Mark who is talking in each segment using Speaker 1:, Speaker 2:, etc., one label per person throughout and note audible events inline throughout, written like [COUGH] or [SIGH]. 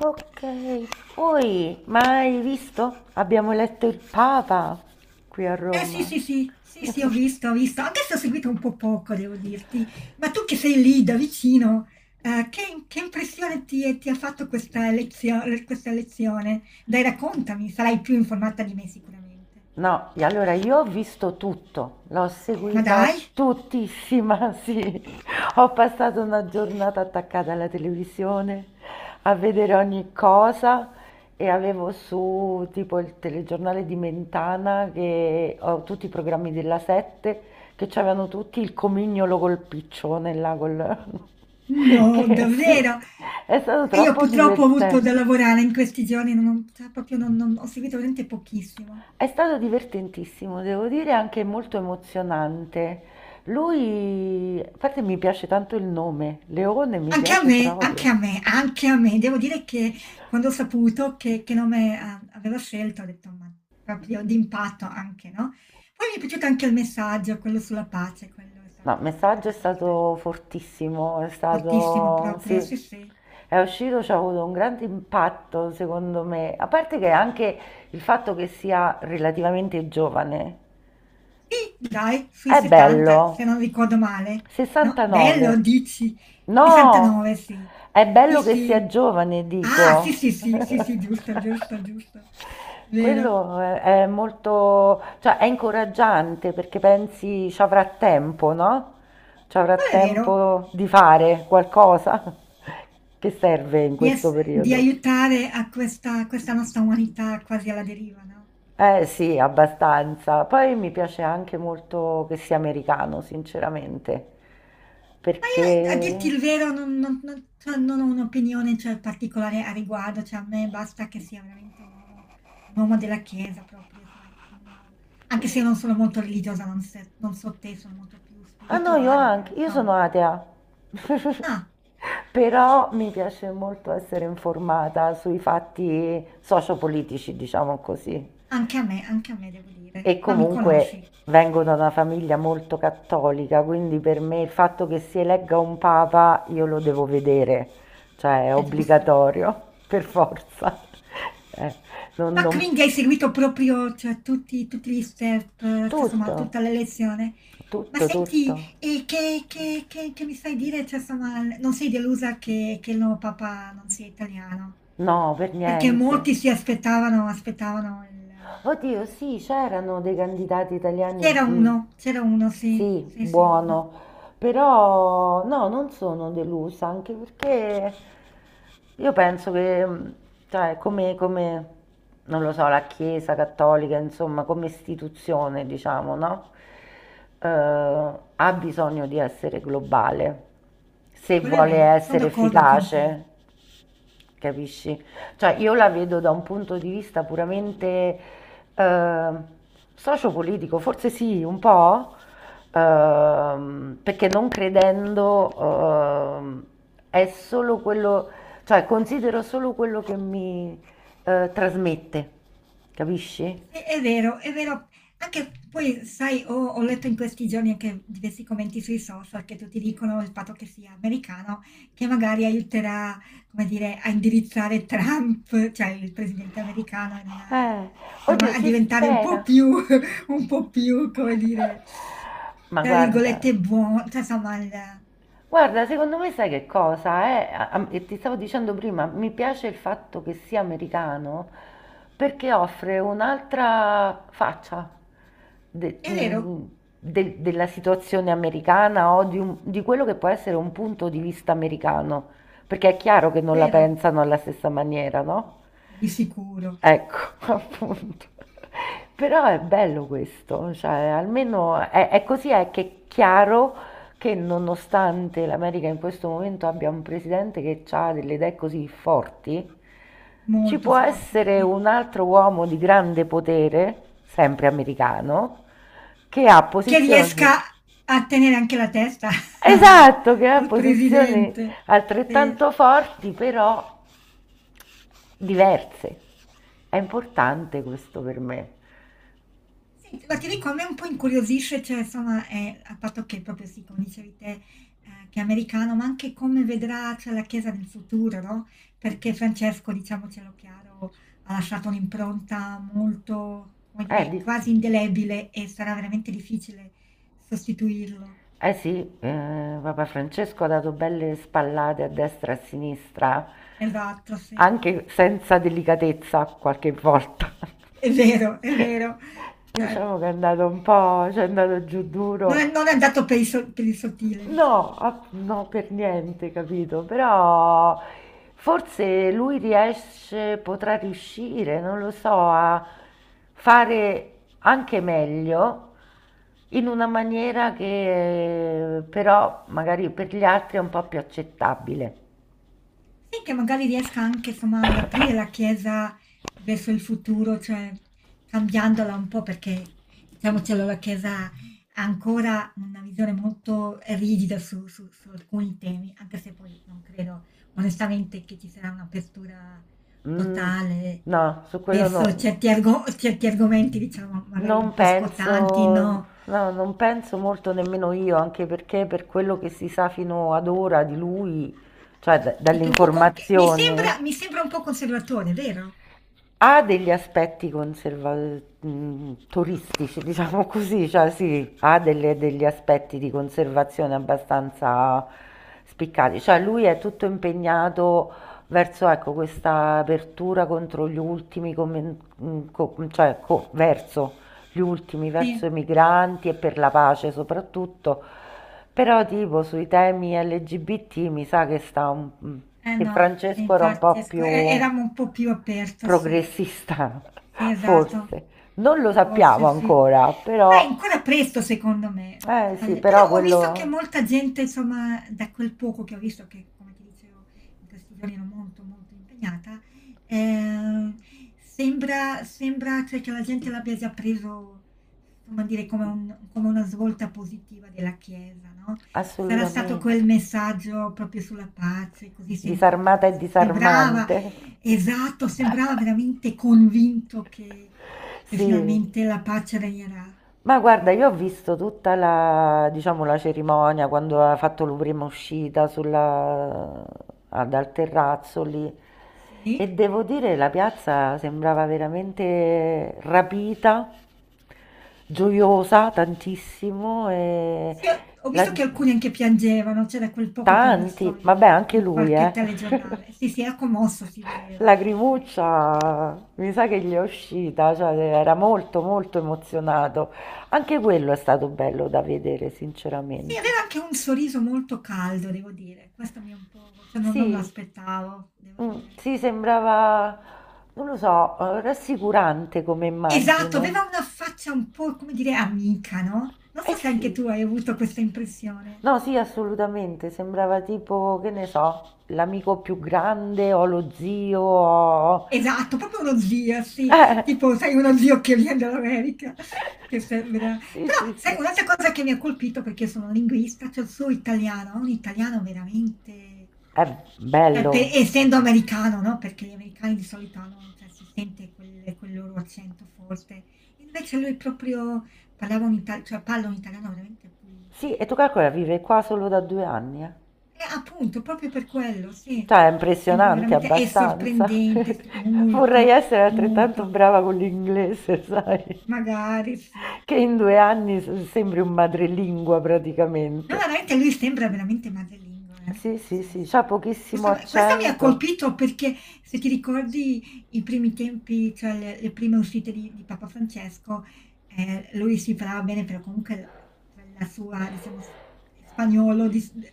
Speaker 1: Ok, poi, mai visto? Abbiamo eletto il Papa qui a
Speaker 2: Eh sì,
Speaker 1: Roma.
Speaker 2: sì, sì, sì, sì, ho visto, ho visto. Anche se ho seguito un po' poco, devo dirti. Ma tu che sei lì da vicino, che impressione ti ha fatto questa lezione, questa lezione? Dai, raccontami, sarai più informata di me sicuramente.
Speaker 1: No, e allora io ho visto tutto, l'ho
Speaker 2: Ma
Speaker 1: seguita
Speaker 2: dai,
Speaker 1: tuttissima, sì. [LAUGHS] Ho passato una giornata attaccata alla televisione a vedere ogni cosa e avevo su tipo il telegiornale di Mentana che ho tutti i programmi della Sette che c'avevano tutti il comignolo col piccione là col [LAUGHS]
Speaker 2: no,
Speaker 1: che sì,
Speaker 2: davvero.
Speaker 1: è stato
Speaker 2: E io
Speaker 1: troppo
Speaker 2: purtroppo ho avuto
Speaker 1: divertente.
Speaker 2: da lavorare in questi giorni, non ho, cioè, proprio ho seguito veramente pochissimo.
Speaker 1: È stato divertentissimo, devo dire anche molto emozionante. Lui, a parte mi piace tanto il nome, Leone mi
Speaker 2: Anche a
Speaker 1: piace
Speaker 2: me,
Speaker 1: proprio.
Speaker 2: anche a me, anche a me. Devo dire che quando ho saputo che nome aveva scelto, ho detto, ma proprio d'impatto anche, no? Poi mi è piaciuto anche il messaggio, quello sulla pace, quello è
Speaker 1: No, il
Speaker 2: stato
Speaker 1: messaggio è
Speaker 2: molto forte,
Speaker 1: stato fortissimo, è
Speaker 2: fortissimo
Speaker 1: stato,
Speaker 2: proprio, sì
Speaker 1: sì,
Speaker 2: sì.
Speaker 1: è uscito, ci ha avuto un grande impatto secondo me, a parte che anche il fatto che sia relativamente giovane.
Speaker 2: Sì, dai, sui
Speaker 1: È
Speaker 2: 70, se
Speaker 1: bello.
Speaker 2: non ricordo male, no?
Speaker 1: 69.
Speaker 2: Bello, dici,
Speaker 1: No,
Speaker 2: 69, sì.
Speaker 1: è
Speaker 2: Sì,
Speaker 1: bello che sia
Speaker 2: sì.
Speaker 1: giovane,
Speaker 2: Ah, sì,
Speaker 1: dico.
Speaker 2: sì, sì, sì, sì, giusto,
Speaker 1: [LAUGHS]
Speaker 2: giusto, giusto. Vero.
Speaker 1: Quello è molto, cioè è incoraggiante perché pensi ci avrà tempo, no? Ci avrà
Speaker 2: Quello è vero.
Speaker 1: tempo di fare qualcosa [LAUGHS] che serve in
Speaker 2: Di
Speaker 1: questo
Speaker 2: ess di
Speaker 1: periodo.
Speaker 2: aiutare a questa nostra umanità quasi alla deriva, no.
Speaker 1: Eh sì, abbastanza. Poi mi piace anche molto che sia americano, sinceramente,
Speaker 2: Ma io, a dirti
Speaker 1: perché
Speaker 2: il vero, non non non cioè non ho un'opinione, cioè, particolare a riguardo, cioè a me basta che sia veramente un uomo della Chiesa proprio, insomma uno anche se io non sono molto religiosa, non se non so te, sono molto più
Speaker 1: ah no, io
Speaker 2: spirituale, però
Speaker 1: anche, io
Speaker 2: insomma
Speaker 1: sono atea, [LAUGHS]
Speaker 2: ah,
Speaker 1: però mi piace molto essere informata sui fatti sociopolitici, diciamo così.
Speaker 2: anche a me devo
Speaker 1: E
Speaker 2: dire, ma mi
Speaker 1: comunque
Speaker 2: conosci,
Speaker 1: vengo da
Speaker 2: se
Speaker 1: una famiglia molto cattolica, quindi per me il fatto che si elegga un papa io lo devo vedere, cioè è
Speaker 2: è giusto.
Speaker 1: obbligatorio, per forza. [LAUGHS] Eh, non,
Speaker 2: Ma
Speaker 1: non-
Speaker 2: quindi hai seguito proprio, cioè, tutti gli step, cioè, insomma,
Speaker 1: Tutto,
Speaker 2: tutta la lezione? Ma
Speaker 1: tutto,
Speaker 2: senti,
Speaker 1: tutto.
Speaker 2: e che mi sai dire? Cioè, insomma, non sei delusa che il nuovo papà non sia italiano?
Speaker 1: No, per
Speaker 2: Perché
Speaker 1: niente.
Speaker 2: molti si aspettavano il.
Speaker 1: Oddio, sì, c'erano dei candidati italiani,
Speaker 2: C'era uno, sì,
Speaker 1: sì,
Speaker 2: sì, sì,
Speaker 1: buono,
Speaker 2: uno.
Speaker 1: però no, non sono delusa, anche perché io penso che, cioè, come, non lo so, la Chiesa cattolica, insomma, come istituzione, diciamo, no? Eh, Ha bisogno di essere globale, se
Speaker 2: Quello è
Speaker 1: vuole
Speaker 2: vero, sono
Speaker 1: essere
Speaker 2: d'accordo con te.
Speaker 1: efficace, capisci? Cioè io la vedo da un punto di vista puramente eh, sociopolitico, forse sì, un po', perché non credendo ehm, è solo quello, cioè considero solo quello che mi trasmette, capisci?
Speaker 2: Sì, è vero, è vero. Anche poi, sai, ho letto in questi giorni anche diversi commenti sui social che tutti dicono il fatto che sia americano, che magari aiuterà, come dire, a indirizzare Trump, cioè il presidente americano,
Speaker 1: Eh, Oddio,
Speaker 2: insomma, a
Speaker 1: si
Speaker 2: diventare un po'
Speaker 1: spera.
Speaker 2: più, [LAUGHS] un po' più, come dire,
Speaker 1: Ma
Speaker 2: tra
Speaker 1: guarda,
Speaker 2: virgolette, buono. Cioè, insomma,
Speaker 1: guarda, secondo me sai che cosa è? E ti stavo dicendo prima, mi piace il fatto che sia americano perché offre un'altra faccia de-
Speaker 2: vero,
Speaker 1: mh, della situazione americana o di, di quello che può essere un punto di vista americano, perché è chiaro che
Speaker 2: è
Speaker 1: non la
Speaker 2: vero,
Speaker 1: pensano alla stessa maniera, no?
Speaker 2: di sicuro,
Speaker 1: Ecco, [LAUGHS] appunto. Però è bello questo, cioè almeno è così è che è chiaro che, nonostante l'America in questo momento abbia un presidente che ha delle idee così forti, ci
Speaker 2: molto
Speaker 1: può
Speaker 2: forte,
Speaker 1: essere
Speaker 2: sì.
Speaker 1: un altro uomo di grande potere, sempre americano, che ha
Speaker 2: Che riesca
Speaker 1: posizioni,
Speaker 2: a tenere anche la testa [LAUGHS] al,
Speaker 1: esatto, che ha
Speaker 2: al
Speaker 1: posizioni
Speaker 2: presidente. Sì.
Speaker 1: altrettanto forti, però diverse. È importante questo per me.
Speaker 2: Senti, ma ti dico, a me un po' incuriosisce, cioè, insomma, a patto che proprio sì, come dicevi te, che è americano, ma anche come vedrà, cioè, la Chiesa nel futuro, no? Perché Francesco, diciamocelo chiaro, ha lasciato un'impronta molto, come
Speaker 1: Eh,
Speaker 2: dire,
Speaker 1: di-
Speaker 2: quasi indelebile e sarà veramente difficile sostituirlo.
Speaker 1: eh sì, Papa Francesco ha dato belle spallate a destra e a sinistra,
Speaker 2: Esatto, sì.
Speaker 1: anche senza delicatezza qualche volta.
Speaker 2: È vero, è vero.
Speaker 1: [LAUGHS]
Speaker 2: Cioè,
Speaker 1: Diciamo che è andato un po', ci è andato giù
Speaker 2: Non
Speaker 1: duro.
Speaker 2: è non è andato per il sottile,
Speaker 1: No,
Speaker 2: diciamo.
Speaker 1: no, per niente, capito? Però forse lui riesce, potrà riuscire, non lo so, a fare anche meglio in una maniera che, però magari per gli altri è un po' più accettabile.
Speaker 2: Sì, che magari riesca anche, insomma, ad aprire la Chiesa verso il futuro, cioè cambiandola un po' perché, diciamocelo, la Chiesa ha ancora una visione molto rigida su alcuni temi, anche se poi non credo onestamente che ci sarà un'apertura
Speaker 1: Mm,
Speaker 2: totale
Speaker 1: no, su quello no.
Speaker 2: verso certi argomenti, diciamo, magari
Speaker 1: Non
Speaker 2: un po'
Speaker 1: penso
Speaker 2: scottanti, no,
Speaker 1: No, non penso molto nemmeno io, anche perché per quello che si sa fino ad ora di lui, cioè
Speaker 2: e che mi
Speaker 1: dall'informazione,
Speaker 2: sembra mi sembra un po' conservatore, vero?
Speaker 1: ha degli aspetti conserva toristici, diciamo così, cioè sì, ha delle degli aspetti di conservazione abbastanza spiccati. Cioè lui è tutto impegnato verso, ecco, questa apertura contro gli ultimi, come mhmm, co mhmm, cioè co verso gli ultimi, verso
Speaker 2: Sì,
Speaker 1: i migranti e per la pace soprattutto, però tipo sui temi LGBT mi sa che sta
Speaker 2: eh
Speaker 1: che
Speaker 2: no, sì,
Speaker 1: Francesco era un
Speaker 2: infatti
Speaker 1: po' più
Speaker 2: eravamo un po' più aperto, sì.
Speaker 1: progressista,
Speaker 2: Sì,
Speaker 1: [LAUGHS]
Speaker 2: esatto,
Speaker 1: forse. Non lo sappiamo
Speaker 2: forse sì.
Speaker 1: ancora,
Speaker 2: Ma è
Speaker 1: però
Speaker 2: ancora presto secondo me.
Speaker 1: eh
Speaker 2: Cioè,
Speaker 1: sì, però
Speaker 2: però ho visto che
Speaker 1: quello
Speaker 2: molta gente, insomma, da quel poco che ho visto, che come ti dicevo in questi giorni ero molto molto impegnata, eh, sembra cioè, che la gente l'abbia già preso, insomma, dire come, come una svolta positiva della Chiesa, no? Sarà stato quel
Speaker 1: assolutamente
Speaker 2: messaggio proprio sulla pace, così sentito,
Speaker 1: disarmata
Speaker 2: perché
Speaker 1: e
Speaker 2: sembrava
Speaker 1: disarmante.
Speaker 2: esatto, sembrava veramente convinto che
Speaker 1: [LAUGHS] Sì.
Speaker 2: finalmente la pace regnerà.
Speaker 1: Ma guarda, io ho visto tutta la, diciamo, la cerimonia quando ha fatto la prima uscita dal terrazzo lì,
Speaker 2: Sì?
Speaker 1: e devo dire la piazza sembrava veramente rapita, gioiosa tantissimo
Speaker 2: Sì, ho visto
Speaker 1: la-
Speaker 2: che alcuni anche piangevano, cioè da quel poco che ho visto
Speaker 1: Tanti, vabbè
Speaker 2: in
Speaker 1: anche
Speaker 2: in
Speaker 1: lui,
Speaker 2: qualche
Speaker 1: eh.
Speaker 2: telegiornale. Sì, sì, era
Speaker 1: [LAUGHS]
Speaker 2: commosso, si vedeva, sì, sì.
Speaker 1: Lagrimuccia, mi sa che gli è uscita, cioè era molto molto emozionato. Anche quello è stato bello da vedere,
Speaker 2: Sì,
Speaker 1: sinceramente.
Speaker 2: aveva anche un sorriso molto caldo, devo dire. Questo mi è un po' cioè non me
Speaker 1: Sì,
Speaker 2: l'aspettavo, devo dire.
Speaker 1: sì, sembrava, non lo so, rassicurante come
Speaker 2: Esatto,
Speaker 1: immagine.
Speaker 2: aveva una faccia un po', come dire, amica, no, non
Speaker 1: Eh
Speaker 2: so se anche
Speaker 1: sì,
Speaker 2: tu hai avuto questa impressione.
Speaker 1: no, sì, assolutamente, sembrava tipo, che ne so, l'amico più grande o lo zio o...
Speaker 2: Esatto, proprio uno zio, sì,
Speaker 1: Eh.
Speaker 2: tipo sai uno zio che viene dall'America,
Speaker 1: [LAUGHS]
Speaker 2: che sembra
Speaker 1: Sì,
Speaker 2: però
Speaker 1: sì,
Speaker 2: sai
Speaker 1: sì.
Speaker 2: un'altra cosa che mi ha colpito, perché io sono linguista, cioè il suo italiano, ha un italiano veramente
Speaker 1: È
Speaker 2: cioè pe
Speaker 1: bello.
Speaker 2: essendo americano, no, perché gli americani di solito hanno cioè si sente quel loro accento forte, invece lui proprio parlava un ita cioè parla un italiano veramente pulito.
Speaker 1: Sì, e tu calcola, vive qua solo da 2 anni, eh.
Speaker 2: Appunto, proprio per quello, sì.
Speaker 1: Cioè, è
Speaker 2: Sembra
Speaker 1: impressionante
Speaker 2: veramente è
Speaker 1: abbastanza.
Speaker 2: sorprendente, sì,
Speaker 1: [LAUGHS] Vorrei
Speaker 2: molto,
Speaker 1: essere altrettanto
Speaker 2: molto.
Speaker 1: brava con l'inglese, [LAUGHS] sai?
Speaker 2: Magari sì.
Speaker 1: Che in 2 anni sembri un madrelingua
Speaker 2: No,
Speaker 1: praticamente.
Speaker 2: veramente lui sembra veramente madrelingo, veramente
Speaker 1: Sì, sì, sì, c'ha
Speaker 2: pazzesco.
Speaker 1: pochissimo
Speaker 2: Questo mi ha
Speaker 1: accento.
Speaker 2: colpito perché se ti ricordi i primi tempi, cioè le prime uscite di Papa Francesco, lui si parlava bene, però comunque quella sua, diciamo, spagnolo di-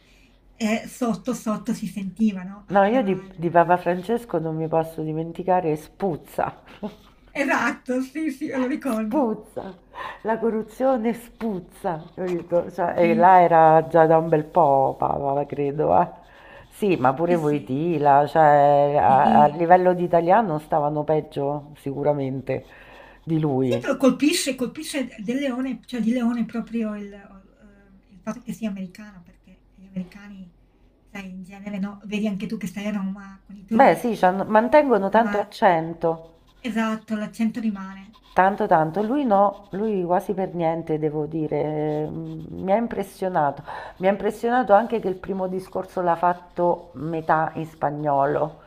Speaker 2: eh, sotto sotto si sentiva, no?
Speaker 1: No, io
Speaker 2: Aveva
Speaker 1: di
Speaker 2: il.
Speaker 1: Papa Francesco non mi posso dimenticare, spuzza. [LAUGHS]
Speaker 2: Esatto, sì, sì, me lo ricordo.
Speaker 1: Spuzza. La corruzione spuzza. Capito? Cioè, e
Speaker 2: Sì,
Speaker 1: là era già da un bel po', Papa, credo, eh. Sì, ma pure
Speaker 2: eh sì,
Speaker 1: Voitila, cioè a
Speaker 2: sì.
Speaker 1: livello di italiano stavano peggio sicuramente di
Speaker 2: Sì,
Speaker 1: lui.
Speaker 2: però colpisce del Leone, cioè di Leone proprio il fatto che sia americano, perché gli americani, sai, in genere, no? Vedi anche tu che stai a Roma con i
Speaker 1: Beh, sì,
Speaker 2: turisti,
Speaker 1: mantengono tanto
Speaker 2: insomma,
Speaker 1: accento.
Speaker 2: esatto, l'accento rimane.
Speaker 1: Tanto, tanto, lui no, lui quasi per niente, devo dire, mi ha impressionato. Mi ha impressionato anche che il primo discorso l'ha fatto metà in spagnolo.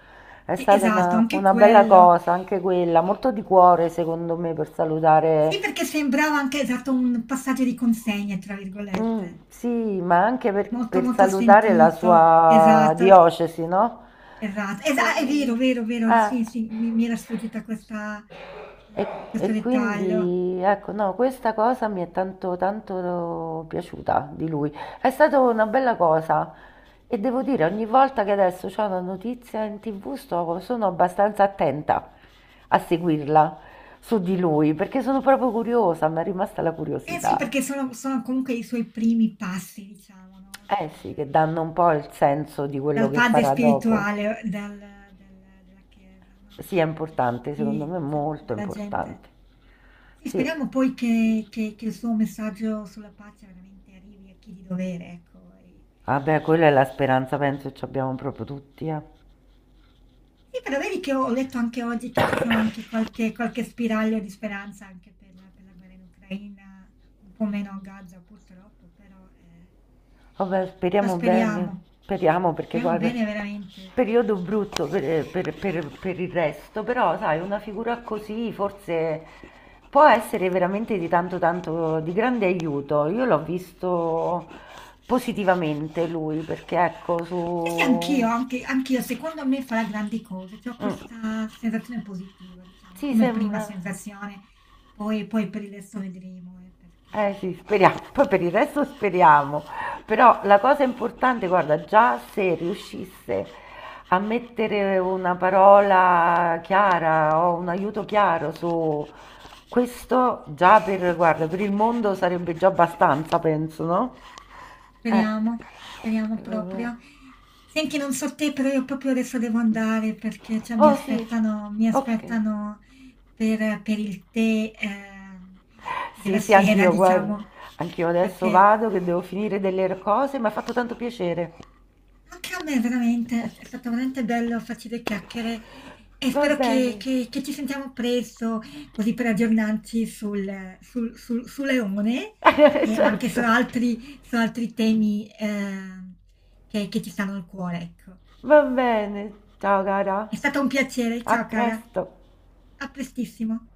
Speaker 1: È
Speaker 2: Sì,
Speaker 1: stata
Speaker 2: esatto,
Speaker 1: una,
Speaker 2: anche
Speaker 1: una bella
Speaker 2: quello.
Speaker 1: cosa, anche quella, molto di cuore secondo me per salutare,
Speaker 2: Sì, perché sembrava anche esatto un passaggio di consegne, tra virgolette.
Speaker 1: Sì, ma anche per,
Speaker 2: Molto,
Speaker 1: per
Speaker 2: molto
Speaker 1: salutare la
Speaker 2: sentito,
Speaker 1: sua
Speaker 2: esatto.
Speaker 1: diocesi, no?
Speaker 2: Esatto,
Speaker 1: Eh,
Speaker 2: esa è vero, vero, vero,
Speaker 1: ah,
Speaker 2: sì, sì, mi era sfuggita questa
Speaker 1: E,
Speaker 2: questo
Speaker 1: e
Speaker 2: dettaglio.
Speaker 1: quindi ecco, no, questa cosa mi è tanto tanto piaciuta di lui. È stata una bella cosa e devo dire, ogni volta che adesso c'è una notizia in TV sono abbastanza attenta a seguirla su di lui perché sono proprio curiosa, mi è rimasta la
Speaker 2: Eh sì,
Speaker 1: curiosità.
Speaker 2: perché sono comunque i suoi primi passi, diciamo, no,
Speaker 1: Eh sì, che
Speaker 2: dal
Speaker 1: danno un po' il senso di quello
Speaker 2: dal
Speaker 1: che
Speaker 2: padre
Speaker 1: farà dopo.
Speaker 2: spirituale, dal del della chiesa, no,
Speaker 1: Sì, è
Speaker 2: cioè di
Speaker 1: importante, secondo me
Speaker 2: tutti
Speaker 1: è
Speaker 2: cioè
Speaker 1: molto
Speaker 2: della gente.
Speaker 1: importante.
Speaker 2: Sì,
Speaker 1: Sì.
Speaker 2: speriamo poi che il suo messaggio sulla pace veramente arrivi a chi di dovere, ecco, e.
Speaker 1: Vabbè, quella è la speranza, penso, ce abbiamo proprio tutti, eh.
Speaker 2: Sì, però vedi che ho letto anche oggi che ci sono anche qualche spiraglio di speranza anche per la guerra in Ucraina, un po' meno a Gaza purtroppo, però,
Speaker 1: Vabbè,
Speaker 2: però
Speaker 1: speriamo bene,
Speaker 2: speriamo,
Speaker 1: speriamo perché
Speaker 2: speriamo
Speaker 1: guarda,
Speaker 2: bene veramente.
Speaker 1: periodo brutto per il resto, però sai, una figura così forse può essere veramente di tanto tanto di grande aiuto. Io l'ho visto positivamente lui, perché ecco,
Speaker 2: Sì, sì,
Speaker 1: su...
Speaker 2: anch'io, secondo me farà grandi cose, cioè, ho
Speaker 1: Mm,
Speaker 2: questa sensazione positiva, diciamo,
Speaker 1: sì,
Speaker 2: come prima
Speaker 1: sembra...
Speaker 2: sensazione, poi per il resto vedremo, perché.
Speaker 1: Eh sì, speriamo, poi per il resto speriamo, però la cosa importante, guarda, già se riuscisse a mettere una parola chiara o un aiuto chiaro su questo, già per, guarda, per il mondo sarebbe già abbastanza, penso, no? Eh,
Speaker 2: Speriamo, speriamo
Speaker 1: eh,
Speaker 2: proprio. Senti, non so te, però io proprio adesso devo andare perché cioè, mi
Speaker 1: oh sì,
Speaker 2: aspettano, mi
Speaker 1: ok.
Speaker 2: aspettano per il tè
Speaker 1: Sì,
Speaker 2: della
Speaker 1: sì,
Speaker 2: sera, [LAUGHS]
Speaker 1: anch'io, guarda,
Speaker 2: diciamo,
Speaker 1: anch'io adesso
Speaker 2: perché.
Speaker 1: vado che devo finire delle cose, mi ha fatto tanto piacere.
Speaker 2: Anche a me veramente, è stato veramente bello farci due chiacchiere e
Speaker 1: Va
Speaker 2: spero che,
Speaker 1: bene,
Speaker 2: che- che ci sentiamo presto, così per aggiornarci su Leone,
Speaker 1: [LAUGHS]
Speaker 2: e, ma anche su
Speaker 1: certo.
Speaker 2: altri, su altri temi che ci stanno al cuore, ecco.
Speaker 1: Va bene, ciao cara,
Speaker 2: È stato un piacere,
Speaker 1: a
Speaker 2: ciao cara,
Speaker 1: presto.
Speaker 2: a prestissimo.